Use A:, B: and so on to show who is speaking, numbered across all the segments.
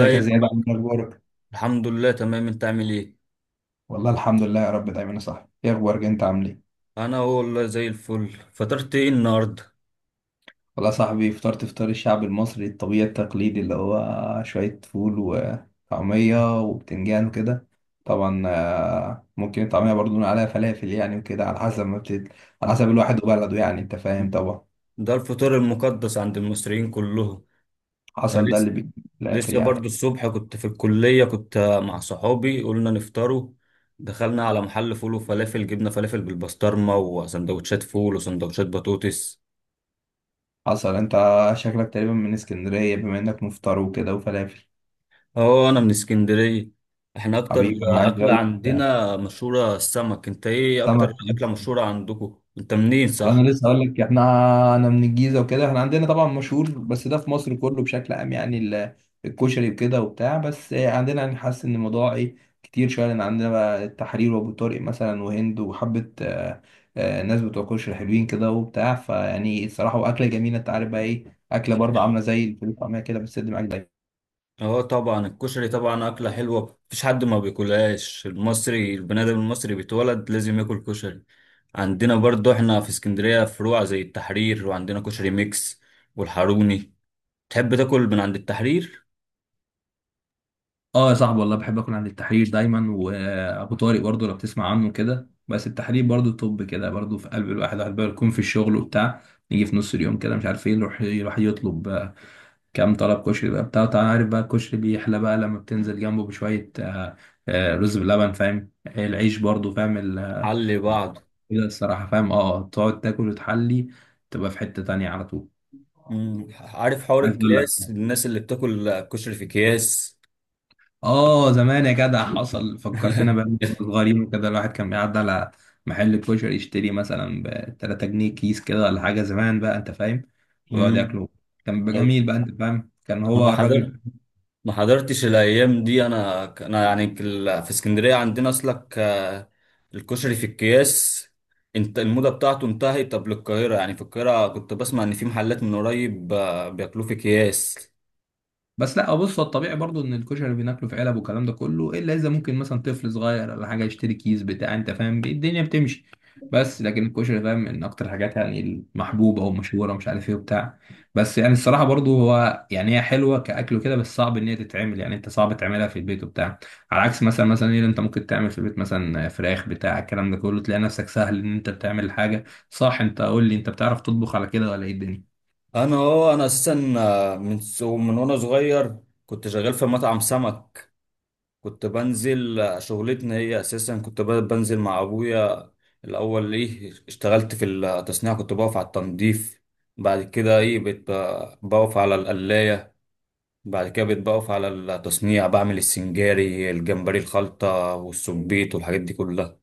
A: ازيك يا زياد؟ عامل إيه؟ اخبارك؟
B: الحمد لله، تمام. انت عامل ايه؟
A: والله الحمد لله يا رب دايما. يا صاحبي ايه اخبارك؟ انت عامل ايه؟
B: انا هو والله زي الفل. فطرت ايه النهارده؟
A: والله يا صاحبي فطرت فطار الشعب المصري الطبيعي التقليدي اللي هو شوية فول وطعمية وبتنجان وكده. طبعا ممكن الطعمية برضو نقول عليها فلافل، يعني وكده، على حسب ما على حسب الواحد وبلده، يعني انت فاهم طبعا.
B: ده الفطار المقدس عند المصريين كلهم. انا
A: حصل، ده اللي
B: لسه
A: في الاخر
B: لسه برضو
A: يعني.
B: الصبح كنت في الكليه، كنت مع صحابي قلنا نفطروا. دخلنا على محل فول وفلافل، جبنا فلافل بالبسطرمه وسندوتشات فول وسندوتشات بطاطس.
A: حصل. انت شكلك تقريبا من اسكندرية، بما انك مفطر وكده وفلافل.
B: اه، انا من اسكندريه. احنا اكتر
A: حبيبي، انا عايز
B: اكله
A: اقول لك
B: عندنا مشهوره السمك. انت ايه اكتر
A: سمك.
B: اكله مشهوره عندكم؟ انت منين؟ صح.
A: انا لسه هقول لك، احنا انا من الجيزه وكده، احنا عندنا طبعا مشهور، بس ده في مصر كله بشكل عام يعني الكشري وكده وبتاع، بس عندنا يعني حاسس ان الموضوع ايه، كتير شويه، لان عندنا بقى التحرير وابو طارق مثلا وهند وحبه ناس بتوع كشري حلوين كده وبتاع، فيعني الصراحه واكله جميله. انت عارف بقى ايه؟ اكله برضه عامله زي الفول والطعميه كده، بس معاك دايما.
B: اه طبعا، الكشري طبعا اكله حلوه، مفيش حد ما بياكلهاش. المصري، البني ادم المصري بيتولد لازم ياكل كشري. عندنا برضو احنا في اسكندريه فروع زي التحرير، وعندنا كشري ميكس والحاروني. تحب تاكل من عند التحرير؟
A: اه يا صاحبي والله بحب اكون عند التحرير دايما، وابو طارق برضه لو بتسمع عنه كده، بس التحرير برضه طب كده برضه في قلب الواحد. الواحد بقى يكون في الشغل وبتاع، يجي في نص اليوم كده مش عارف ايه، يروح يطلب كام طلب كشري بقى بتاع. انت عارف بقى الكشري بيحلى بقى لما بتنزل جنبه بشويه، رز بلبن، فاهم؟ العيش برضه، فاهم؟
B: حل بعض.
A: كده الصراحه، فاهم؟ اه تقعد تاكل وتحلي، تبقى في حته تانية على طول.
B: عارف حوار
A: عايز اقول لك،
B: الكياس، الناس اللي بتاكل كشري في اكياس؟
A: اه زمان يا جدع، حصل فكرتنا بقى لما كنا صغيرين وكده، الواحد كان بيعدي على محل كشري يشتري مثلا ب 3 جنيه كيس كده، ولا حاجه زمان بقى، انت فاهم. ويقعد
B: مم.
A: ياكله، كان بيبقى جميل بقى، انت فاهم؟ كان
B: انا
A: هو الراجل.
B: ما حضرتش الايام دي. انا يعني في اسكندريه عندنا، اصلك الكشري في الأكياس انت الموضة بتاعته انتهت. طب للقاهرة، يعني في القاهرة كنت بسمع ان في محلات من قريب بياكلوه في أكياس.
A: بس لا، بص، هو الطبيعي برضو ان الكشري بناكله في علب والكلام ده كله، الا اذا ممكن مثلا طفل صغير ولا حاجه يشتري كيس بتاع، انت فاهم، الدنيا بتمشي. بس لكن الكشري فاهم من اكتر الحاجات يعني المحبوبه او مشهوره، مش عارف ايه وبتاع. بس يعني الصراحه برضو هو يعني هي حلوه كاكل وكده، بس صعب ان هي تتعمل يعني، انت صعب تعملها في البيت وبتاع، على عكس مثلا ايه اللي انت ممكن تعمل في البيت، مثلا فراخ بتاع الكلام ده كله، تلاقي نفسك سهل ان انت بتعمل حاجه. صح؟ انت قول لي، انت بتعرف تطبخ على كده ولا ايه الدنيا؟
B: انا اساسا من وانا صغير كنت شغال في مطعم سمك. كنت بنزل، شغلتنا هي اساسا، كنت بنزل مع ابويا. الاول ايه اشتغلت في التصنيع، كنت بقف على التنظيف. بعد كده ايه بقيت بقف على القلاية. بعد كده بيتبقف على التصنيع، بعمل السنجاري، الجمبري، الخلطة والسبيط والحاجات دي كلها.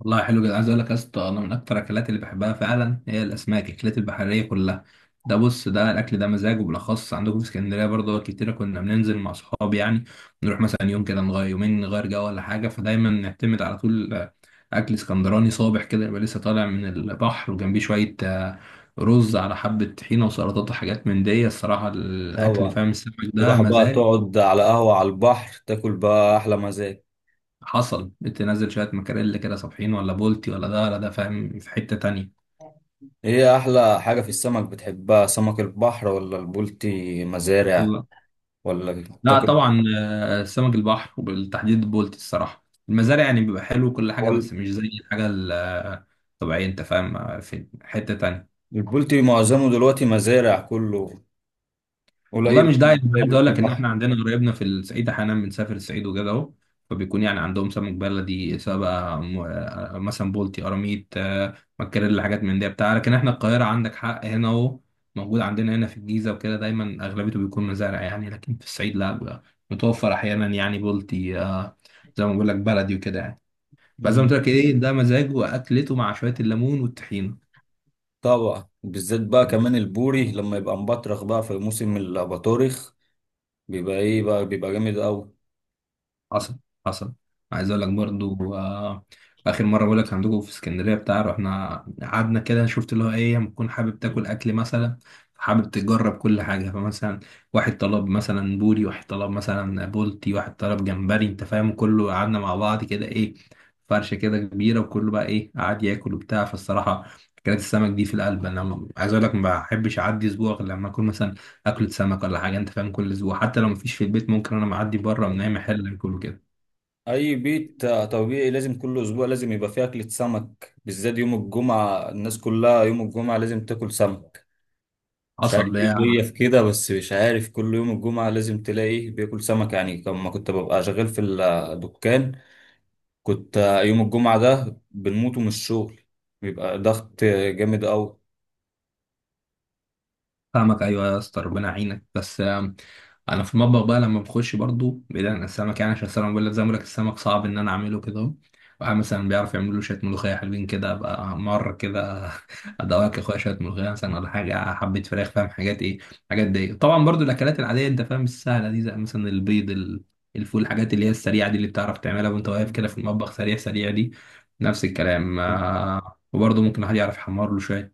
A: والله حلو جدا. عايز اقول لك يا اسطى، انا من اكتر الاكلات اللي بحبها فعلا هي الاسماك، الاكلات البحريه كلها. ده بص، ده الاكل ده مزاج، وبالاخص عندكم في اسكندريه برضه، كتير كنا بننزل مع اصحابي يعني، نروح مثلا يوم كده نغير، يومين نغير جو، ولا حاجه، فدايما نعتمد على طول اكل اسكندراني صابح كده، يبقى لسه طالع من البحر، وجنبيه شويه رز على حبه طحينه وسلطات وحاجات من دي. الصراحه الاكل،
B: طبعا.
A: فاهم، السمك ده
B: تروح بقى
A: مزاج.
B: تقعد على قهوة على البحر تاكل بقى أحلى مزاج.
A: حصل، بتنزل شويه مكاريل كده صابحين، ولا بولتي، ولا ده ولا ده، فاهم، في حته تانيه.
B: إيه أحلى حاجة في السمك بتحبها؟ سمك البحر ولا البولتي مزارع؟ ولا
A: لا
B: تاكل؟
A: طبعا، سمك البحر، وبالتحديد البولتي، الصراحه المزارع يعني بيبقى حلو وكل حاجه،
B: ولا
A: بس مش زي الحاجه الطبيعيه، انت فاهم في حته تانية.
B: البولتي معظمه دلوقتي مزارع كله،
A: والله
B: قليل
A: مش
B: أوي
A: داعي.
B: ما
A: انا
B: تلاقي
A: عايز اقول
B: بولتي
A: لك ان احنا
B: بحر.
A: عندنا قرايبنا في الصعيد، احيانا بنسافر الصعيد وكده اهو، فبيكون يعني عندهم سمك بلدي، سواء بقى مثلا بولتي، قراميط، مكاريلي، حاجات من دي بتاع. لكن احنا القاهره عندك حق، هنا اهو موجود عندنا هنا في الجيزه وكده، دايما اغلبيته بيكون مزارع يعني، لكن في الصعيد لا بقى، متوفر احيانا يعني بولتي، زي ما بقول لك، بلدي وكده يعني. بس زي ما
B: مم.
A: قلت لك ايه، ده مزاجه واكلته مع شويه الليمون والطحينه.
B: طبعا، بالذات بقى كمان البوري لما يبقى مبطرخ بقى في موسم الأباطورخ بيبقى إيه بقى، بيبقى جامد أوي.
A: حصل حصل. عايز اقول لك برضو اخر مره بقول لك عندكم في اسكندريه بتاع، رحنا قعدنا كده، شفت اللي هو ايه، لما تكون حابب تاكل اكل مثلا، حابب تجرب كل حاجه، فمثلا واحد طلب مثلا بوري، واحد طلب مثلا بولتي، واحد طلب جمبري، انت فاهم، كله قعدنا مع بعض كده ايه، فرشه كده كبيره، وكله بقى ايه قعد ياكل وبتاع. فالصراحه اكلات السمك دي في القلب. انا عايز اقول لك، ما بحبش اعدي اسبوع غير لما اكون مثلا اكلة سمك ولا حاجة، انت فاهم، كل اسبوع، حتى لو مفيش في البيت ممكن انا معدي بره من اي محل اكله كده.
B: اي بيت طبيعي لازم كل اسبوع لازم يبقى فيه اكلة سمك، بالذات يوم الجمعة. الناس كلها يوم الجمعة لازم تاكل سمك، مش عارف
A: حصل
B: ايه
A: ليا.
B: اللي هي في كده، بس مش عارف كل يوم الجمعة لازم تلاقي بياكل سمك. يعني لما كنت ببقى شغال في الدكان، كنت يوم الجمعة ده بنموت من الشغل، بيبقى ضغط جامد قوي.
A: فاهمك، ايوه يا اسطى، ربنا يعينك. بس انا في المطبخ بقى لما بخش، برضو بعيد عن السمك يعني، عشان السمك بقول لك زي ما بقول لك، السمك صعب ان انا اعمله كده اهو. واحد مثلا بيعرف يعمل له شويه ملوخيه حلوين كده بقى، مره كده ادوقك يا اخويا شويه ملوخيه مثلا، ولا حاجه حبيت فراخ، فاهم حاجات ايه. حاجات دي طبعا، برضو الاكلات العاديه، انت فاهم، السهله دي، زي مثلا البيض، الفول، الحاجات اللي هي السريعه دي، اللي بتعرف تعملها وانت واقف كده في المطبخ، سريع دي نفس الكلام. وبرضه ممكن الواحد يعرف يحمر له شويه،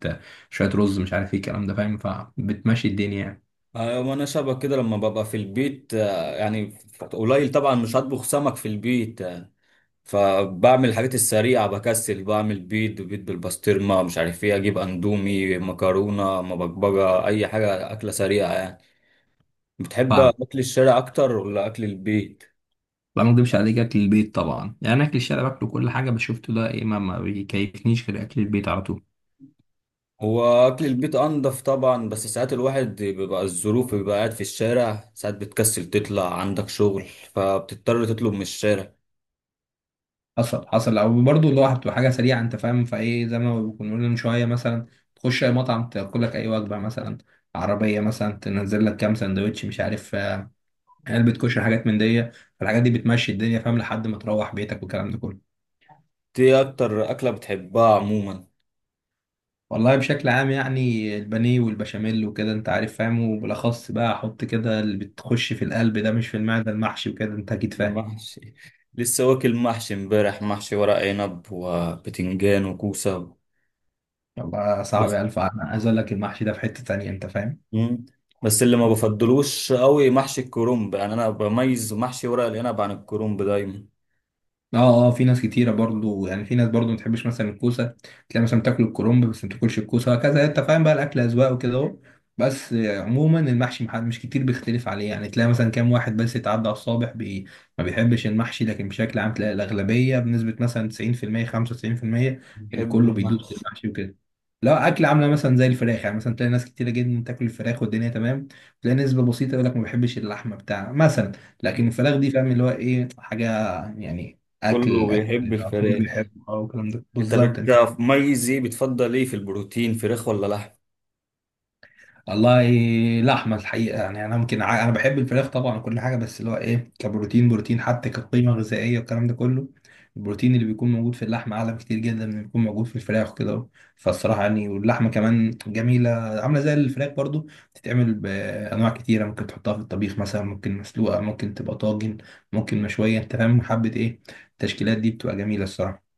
A: شويه رز، مش عارف ايه الكلام ده، فاهم، فبتمشي الدنيا يعني.
B: ايوه، ما انا شبه كده لما ببقى في البيت يعني قليل طبعا، مش هطبخ سمك في البيت، فبعمل الحاجات السريعة بكسل، بعمل بيض، بيض بالبسطرمة، مش عارف ايه، اجيب اندومي، مكرونة مبكبجة، اي حاجة اكلة سريعة يعني. بتحب
A: فاهم
B: اكل الشارع اكتر ولا اكل البيت؟
A: بقى، ما اكدبش عليك، اكل البيت طبعا. يعني اكل الشارع باكله كل حاجه، بس شفته ده ايه، ما بيكيفنيش غير اكل البيت على طول.
B: هو اكل البيت انضف طبعا، بس ساعات الواحد بيبقى الظروف، بيبقى قاعد في الشارع، ساعات بتكسل تطلع عندك شغل فبتضطر تطلب من الشارع.
A: حصل. او برضه اللي هو بتبقى حاجه سريعه، انت فاهم، فايه زي ما كنا بنقول من شويه، مثلا تخش اي مطعم تاكل لك اي وجبه، مثلا عربيه مثلا تنزل لك كام سندوتش، مش عارف علبه كشري، حاجات من دي. فالحاجات دي بتمشي الدنيا، فاهم، لحد ما تروح بيتك والكلام ده كله.
B: ايه اكتر اكلة بتحبها عموما؟
A: والله بشكل عام يعني البانيه والبشاميل وكده، انت عارف، فاهم. وبالاخص بقى احط كده اللي بتخش في القلب ده، مش في المعده، المحشي وكده، انت اكيد فاهم.
B: المحشي. لسه واكل محشي امبارح، محشي ورق عنب وبتنجان وكوسة.
A: والله صعب. الف، انا عايز اقول لك المحشي ده في حته تانية، انت فاهم.
B: مم. بس اللي ما بفضلوش قوي محشي الكرنب، يعني انا بميز محشي ورق العنب عن الكرنب دايما.
A: اه، في ناس كتيرة برضو يعني، في ناس برضو ما تحبش مثلا الكوسة، تلاقي مثلا بتاكل الكرنب بس ما تاكلش الكوسة، وهكذا انت فاهم بقى، الأكل أذواق وكده اهو. بس عموما المحشي محد مش كتير بيختلف عليه يعني، تلاقي مثلا كام واحد بس يتعدى على الصابع، بي ما بيحبش المحشي، لكن بشكل عام تلاقي الأغلبية بنسبة مثلا 90% 95%
B: بيحبوا
A: الكل بيدوس في
B: المحشي.
A: المحشي وكده. لا أكل عاملة مثلا زي الفراخ يعني، مثلا تلاقي ناس كتيرة جدا تاكل الفراخ والدنيا تمام، تلاقي نسبة بسيطة يقول لك ما بحبش اللحمة بتاع مثلا، لكن الفراخ دي فاهم اللي هو ايه حاجة يعني،
B: كله
A: اكل
B: بيحب
A: كله
B: الفراخ.
A: بيحبه. اه والكلام ده
B: انت
A: بالظبط يعني.
B: بتميز ايه؟ بتفضل ايه في البروتين، فراخ ولا لحم؟
A: والله لحمه الحقيقه يعني، انا ممكن انا بحب الفراخ طبعا وكل حاجه، بس اللي هو ايه، كبروتين، بروتين حتى كقيمه غذائيه والكلام ده كله، البروتين اللي بيكون موجود في اللحمه اعلى بكتير جدا من اللي بيكون موجود في الفراخ كده. فالصراحه يعني، واللحمه كمان جميله عامله زي الفراخ برضو، بتتعمل بانواع كتيره، ممكن تحطها في الطبيخ مثلا، ممكن مسلوقه، ممكن تبقى طاجن، ممكن مشويه، انت فاهم، حبه ايه، التشكيلات دي بتبقى جميله الصراحه.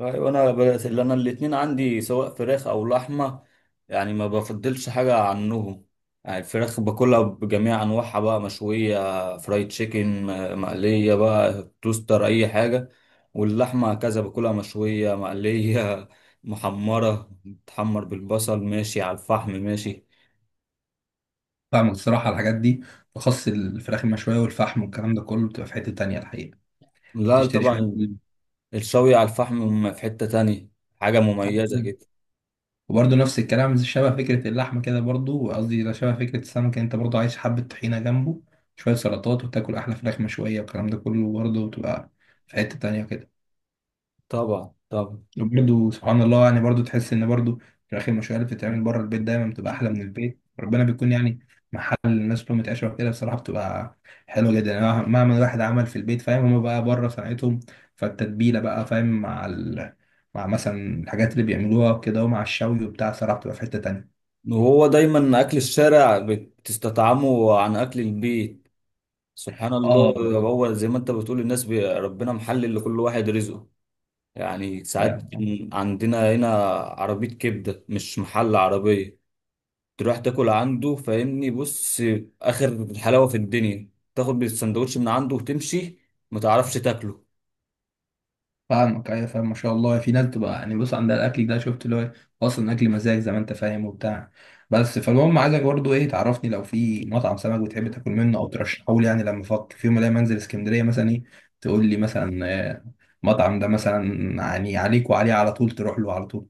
B: ايوه، انا بدات اللي انا الاتنين عندي سواء فراخ او لحمه، يعني ما بفضلش حاجه عنهم. يعني الفراخ باكلها بجميع انواعها بقى، مشويه، فرايد تشيكن، مقليه بقى، توستر، اي حاجه. واللحمه كذا باكلها مشويه، مقليه، محمره، بتحمر بالبصل، ماشي، على الفحم، ماشي.
A: فاهمك. الصراحة على الحاجات دي، بخص الفراخ المشوية والفحم والكلام ده كله، بتبقى في حتة تانية الحقيقة.
B: لا
A: تشتري شوية
B: طبعا، الشوي على الفحم في حته تانية، حاجه مميزه
A: فول.
B: كده.
A: وبرضه نفس الكلام شبه فكرة اللحمة كده برضه، قصدي لا، شبه فكرة السمك يعني، انت برضه عايز حبة طحينة جنبه، شوية سلطات، وتاكل أحلى فراخ مشوية، والكلام ده كله برضه بتبقى في حتة تانية كده.
B: طبعا طبعا.
A: وبرده سبحان الله يعني، برضه تحس ان برضه في الاخر المشاريع اللي بتتعمل بره البيت دايما بتبقى احلى من البيت، ربنا بيكون يعني محل الناس كلها متعشره كده، بصراحه بتبقى حلوه جدا يعني، مهما الواحد عمل في البيت، فاهم، هما بقى بره صنعتهم، فالتتبيله بقى فاهم مع مع مثلا الحاجات اللي بيعملوها وكده، ومع الشوي وبتاع، صراحه بتبقى في حته تانيه.
B: وهو دايما اكل الشارع بتستطعمه عن اكل البيت، سبحان الله.
A: اه
B: هو زي ما انت بتقول، الناس ربنا محلل لكل واحد رزقه. يعني ساعات
A: بالظبط.
B: عندنا هنا عربية كبدة، مش محل، عربية، تروح تاكل عنده فاهمني، بص، اخر الحلاوة في الدنيا، تاخد بالسندوتش من عنده وتمشي ما تعرفش تاكله.
A: فاهمك، ايوه فاهم، ما شاء الله في ناس تبقى يعني بص عندها الاكل ده، شفت اللي هو اصلا اكل مزاج، زي ما انت فاهم وبتاع. بس فالمهم عايزك برضو ايه، تعرفني لو في مطعم سمك بتحب تاكل منه او ترشحه لي يعني، لما افكر في يوم الاقي منزل اسكندريه مثلا ايه، تقول لي مثلا آه، المطعم ده مثلا يعني عليك وعليه، على طول تروح له على طول.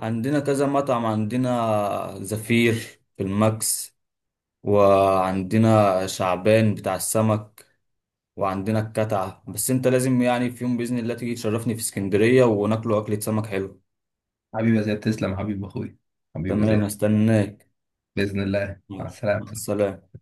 B: عندنا كذا مطعم، عندنا زفير في الماكس، وعندنا شعبان بتاع السمك، وعندنا الكتعة، بس انت لازم يعني في يوم بإذن الله تيجي تشرفني في اسكندرية وناكلوا أكلة سمك حلو.
A: حبيبي يا زياد، تسلم حبيب اخوي. حبيبي يا
B: تمام،
A: زياد،
B: استناك.
A: باذن الله، مع
B: مع
A: السلامه.
B: السلامة.